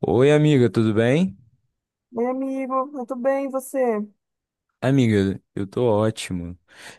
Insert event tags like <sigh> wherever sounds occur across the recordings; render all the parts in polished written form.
Oi, amiga, tudo bem? Oi, amigo, eu tô bem, e você? Amiga, eu tô ótimo.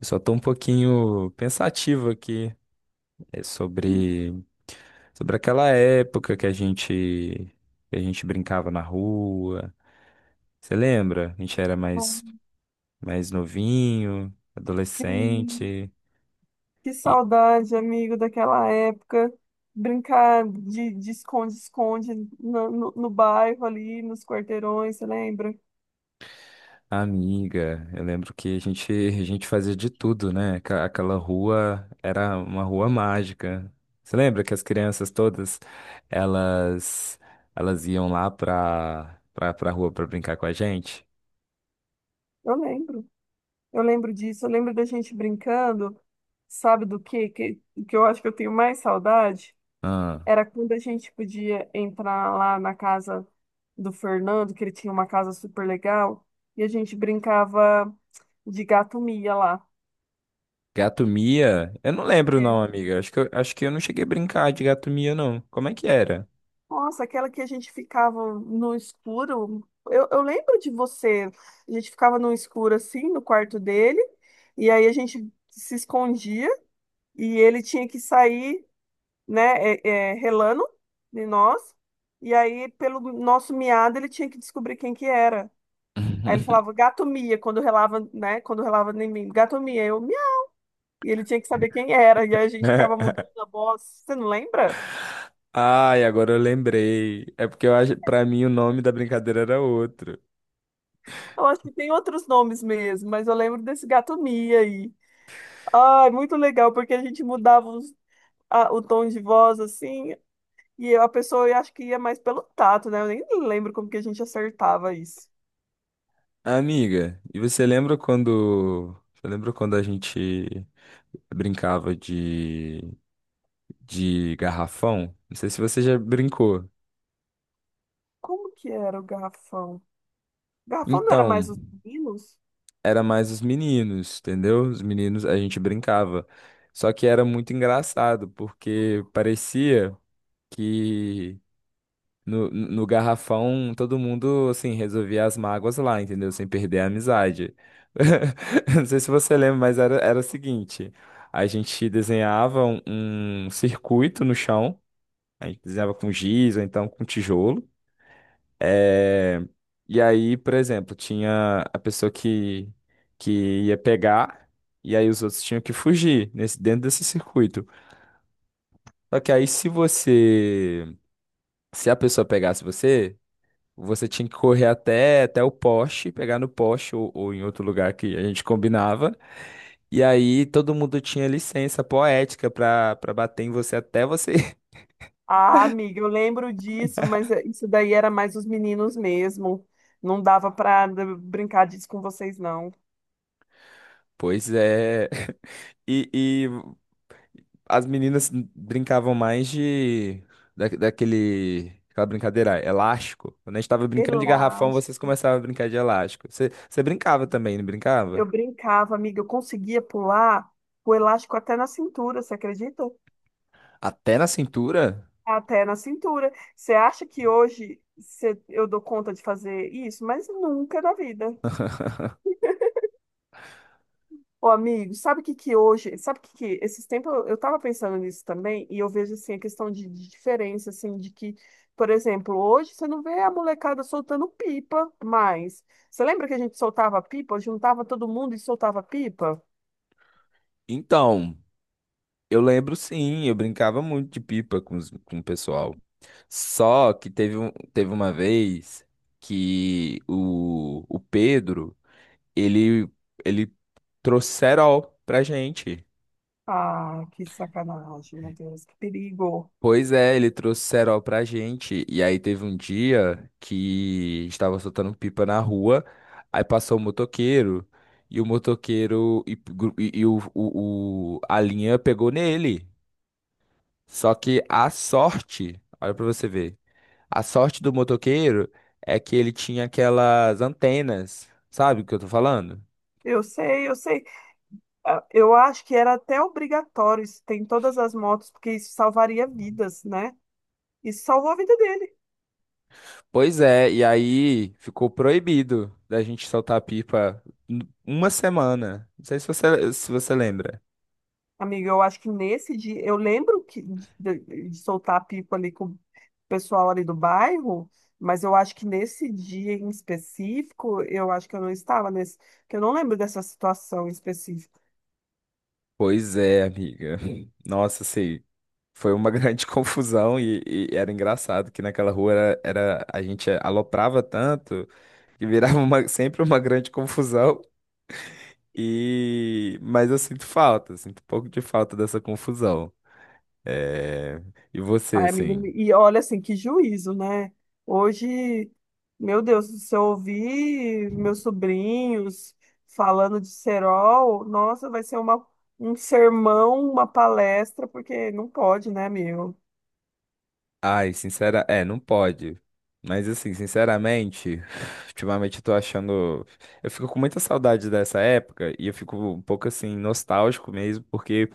Eu só tô um pouquinho pensativo aqui sobre sobre aquela época que a gente brincava na rua. Você lembra? A gente era Bom. Mais novinho, Sim. adolescente. Que saudade, amigo, daquela época. Brincar de esconde-esconde no bairro ali, nos quarteirões, você lembra? Amiga, eu lembro que a gente, <laughs> a gente fazia de tudo, né? Aquela rua era uma rua mágica. Você lembra que as crianças todas, elas, elas iam lá pra rua pra brincar com a gente? Eu lembro, eu lembro disso, eu lembro da gente brincando, sabe do quê? Que eu acho que eu tenho mais saudade? Ah, Era quando a gente podia entrar lá na casa do Fernando, que ele tinha uma casa super legal, e a gente brincava de gato mia lá. gato Mia? Eu não lembro É. não, amiga. Acho que eu não cheguei a brincar de gato Mia, não. Como é que era? Nossa, aquela que a gente ficava no escuro. Eu lembro de você. A gente ficava no escuro assim, no quarto dele, e aí a gente se escondia e ele tinha que sair, né, relando de nós. E aí, pelo nosso miado, ele tinha que descobrir quem que era. Aí ele <laughs> falava, gato mia, quando relava, né? Quando relava em mim, gato mia, eu mia. E ele tinha que saber quem era, e aí a gente ficava mudando a voz. Você não lembra? Ai, agora eu lembrei. É porque eu acho, para mim o nome da brincadeira era outro. Eu acho que tem outros nomes mesmo, mas eu lembro desse gato mia aí. Ai, muito legal, porque a gente mudava o tom de voz assim. E a pessoa eu acho que ia mais pelo tato, né? Eu nem lembro como que a gente acertava isso. Amiga, e você lembra quando. Você lembra quando a gente brincava de garrafão? Não sei se você já brincou. Como que era o garrafão? Garrafão não era Então, mais os meninos? era mais os meninos, entendeu? Os meninos a gente brincava. Só que era muito engraçado, porque parecia. Que no garrafão, todo mundo, assim, resolvia as mágoas lá, entendeu? Sem perder a amizade. <laughs> Não sei se você lembra, mas era o seguinte: a gente desenhava um circuito no chão, a gente desenhava com giz ou então com tijolo. É, E aí, por exemplo, tinha a pessoa que ia pegar, e aí os outros tinham que fugir dentro desse circuito. Só que aí, se você. Se a pessoa pegasse você, você tinha que correr até o poste, pegar no poste ou em outro lugar que a gente combinava. E aí todo mundo tinha licença poética pra bater em você até você. <laughs> Ah, amiga, eu lembro disso, mas isso daí era mais os meninos mesmo. Não dava pra brincar disso com vocês, não. Pois é. <laughs> E as meninas brincavam mais de daquele aquela brincadeira elástico. Quando a gente tava brincando de garrafão, Relaxa. vocês começavam a brincar de elástico. Você brincava também, não brincava? Eu brincava, amiga, eu conseguia pular o elástico até na cintura, você acredita? Até na cintura? Até na cintura. Você acha que hoje eu dou conta de fazer isso? Mas nunca na vida. Ô, amigo, sabe o que que hoje, sabe o que que, esses tempos eu tava pensando nisso também, e eu vejo, assim, a questão de diferença, assim, de que, por exemplo, hoje você não vê a molecada soltando pipa mais. Você lembra que a gente soltava pipa, juntava todo mundo e soltava pipa? Então. Eu lembro sim, eu brincava muito de pipa com o pessoal. Só que teve uma vez que o Pedro, ele, ele trouxe cerol pra gente. Ah, que sacanagem, meu Deus, que perigo. Pois é, ele trouxe cerol pra gente. E aí teve um dia que estava soltando pipa na rua, aí passou o motoqueiro e, gru- e o- a linha pegou nele. Só que a sorte, olha pra você ver. A sorte do motoqueiro é que ele tinha aquelas antenas, sabe o que eu tô falando? Eu sei, eu sei. Ah, eu acho que era até obrigatório isso ter em todas as motos, porque isso salvaria vidas, né? Isso salvou a vida dele. Pois é, e aí ficou proibido da gente soltar pipa uma semana. Não sei se você lembra. Amiga, eu acho que nesse dia, eu lembro que de soltar a pipa ali com o pessoal ali do bairro, mas eu acho que nesse dia em específico, eu acho que eu não estava nesse, que eu não lembro dessa situação específica. Pois é, amiga. <laughs> Nossa, sei. Foi uma <laughs> grande confusão e era engraçado que naquela rua a gente aloprava tanto que virava sempre uma grande confusão. E mas eu sinto falta, sinto um pouco de falta dessa confusão. É, E você, Ai, amiga, assim? e olha assim, que juízo, né? Hoje, meu Deus, se eu ouvir meus sobrinhos falando de cerol, nossa, vai ser uma, um sermão, uma palestra, porque não pode, né, meu? Ai, sincera... É, não pode. Mas, assim, sinceramente, <laughs> <sighs> ultimamente eu tô achando... Eu fico com muita saudade dessa época e eu fico um pouco, assim, nostálgico mesmo, porque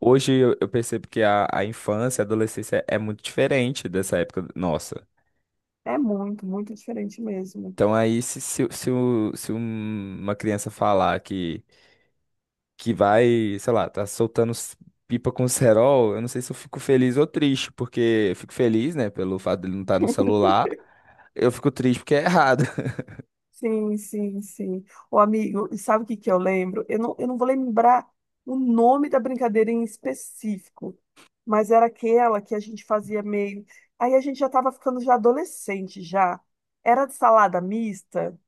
hoje eu percebo que a infância, a adolescência é muito diferente dessa época nossa. É muito, muito diferente mesmo. Então aí, se, o- se um- uma criança falar que vai, sei lá, tá soltando pipa com cerol, eu não sei se eu fico feliz ou triste, porque eu fico feliz, né, pelo fato dele não estar no celular. Eu fico triste porque é errado. <laughs> Sim, sim, sim. O amigo, e sabe o que que eu lembro? Eu não vou lembrar o nome da brincadeira em específico, mas era aquela que a gente fazia meio. Aí a gente já estava ficando já adolescente já. Era de salada mista?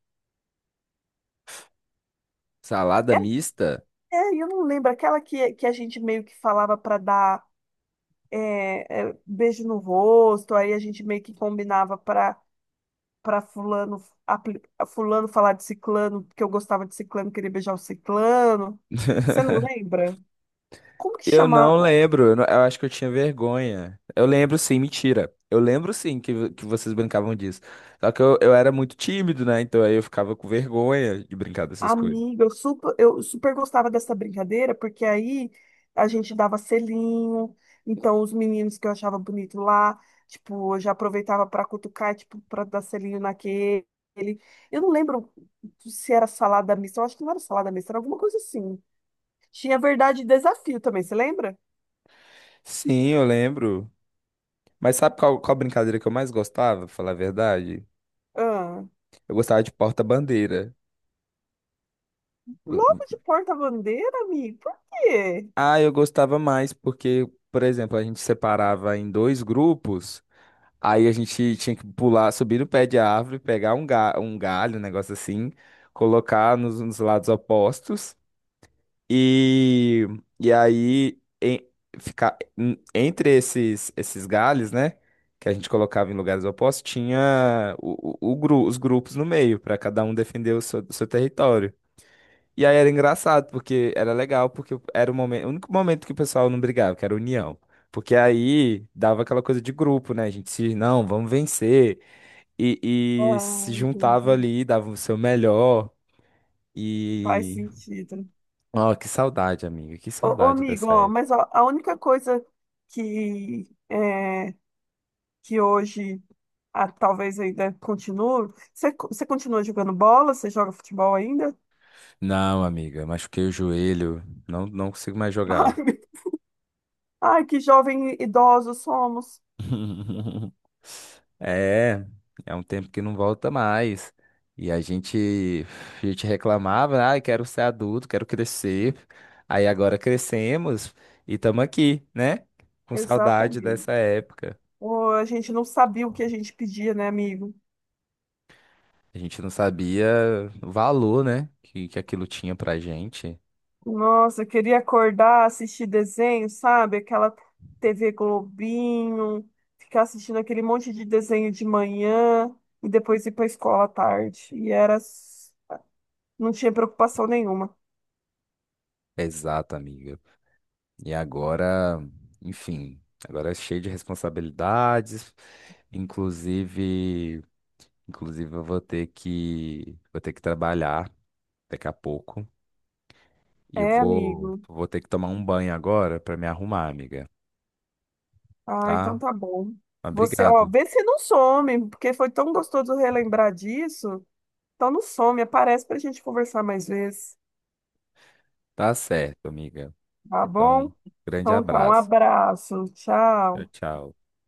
Salada É, mista? é, eu não lembro. Aquela que a gente meio que falava para dar beijo no rosto, aí a gente meio que combinava para fulano, fulano falar de ciclano, que eu gostava de ciclano, queria beijar o ciclano. Você não <laughs> lembra? Como que Eu chama não lembro, eu, não- eu acho que eu tinha vergonha. Eu lembro sim, mentira. Eu lembro sim que vocês brincavam disso. Só que eu era muito tímido, né? Então aí eu ficava com vergonha de brincar a dessas coisas. amiga? Eu super gostava dessa brincadeira, porque aí a gente dava selinho, então os meninos que eu achava bonito lá, tipo, eu já aproveitava para cutucar, tipo, para dar selinho naquele. Eu não lembro se era salada mista, eu acho que não era salada mista, era alguma coisa assim. Tinha verdade e desafio também, você lembra? Sim, eu lembro. Mas sabe qual brincadeira que eu mais gostava, pra falar a verdade? Eu gostava de porta-bandeira. Logo de porta-bandeira, amigo? Por quê? Ah, eu gostava mais porque, por exemplo, a gente separava em dois grupos, aí a gente tinha que pular, subir no pé de árvore, pegar um galho, um negócio assim, colocar nos lados opostos e, e aí em- ficar entre esses galhos, né? Que a gente colocava em lugares opostos, tinha os grupos no meio, para cada um defender o seu território. E aí era engraçado, porque era legal, porque era o momento, o único momento que o pessoal não brigava, que era a união. Porque aí dava aquela coisa de grupo, né? A gente se, não, vamos vencer. E se Ah, juntava entendi. ali, dava o seu melhor. Faz E. sentido. Ó, que saudade, amiga, que Ô, ô, saudade amigo, dessa ó, mas época. ó, a única coisa que é, que hoje ah, talvez ainda continue. Você, você continua jogando bola? Você joga futebol ainda? Não, amiga, machuquei o joelho, não consigo mais <laughs> Ai, jogar. Ai, que jovem idosos somos. <laughs> É, é um tempo que não volta mais. E a gente, a gente reclamava, ah, quero ser adulto, quero crescer. Aí agora crescemos e estamos aqui, né? Com saudade Exatamente. dessa época. Ô, a gente não sabia o que a gente pedia, né, amigo? A gente não sabia o valor, né? Que aquilo tinha pra gente. Nossa, eu queria acordar, assistir desenho, sabe? Aquela TV Globinho, ficar assistindo aquele monte de desenho de manhã e depois ir para a escola à tarde. E era, não tinha preocupação nenhuma. Exato, amiga. E agora, enfim, agora é cheio de responsabilidades, inclusive. Inclusive, eu vou ter que trabalhar daqui a pouco. E eu É, amigo, vou ter que tomar um banho agora para me arrumar, amiga. ah, então Tá? tá bom. Você, ó, Obrigado. vê se não some, porque foi tão gostoso relembrar disso. Então não some, aparece pra gente conversar mais vezes, Tá certo, amiga. tá bom? Então, grande Então tá, um abraço. abraço, Tchau, tchau. tchau.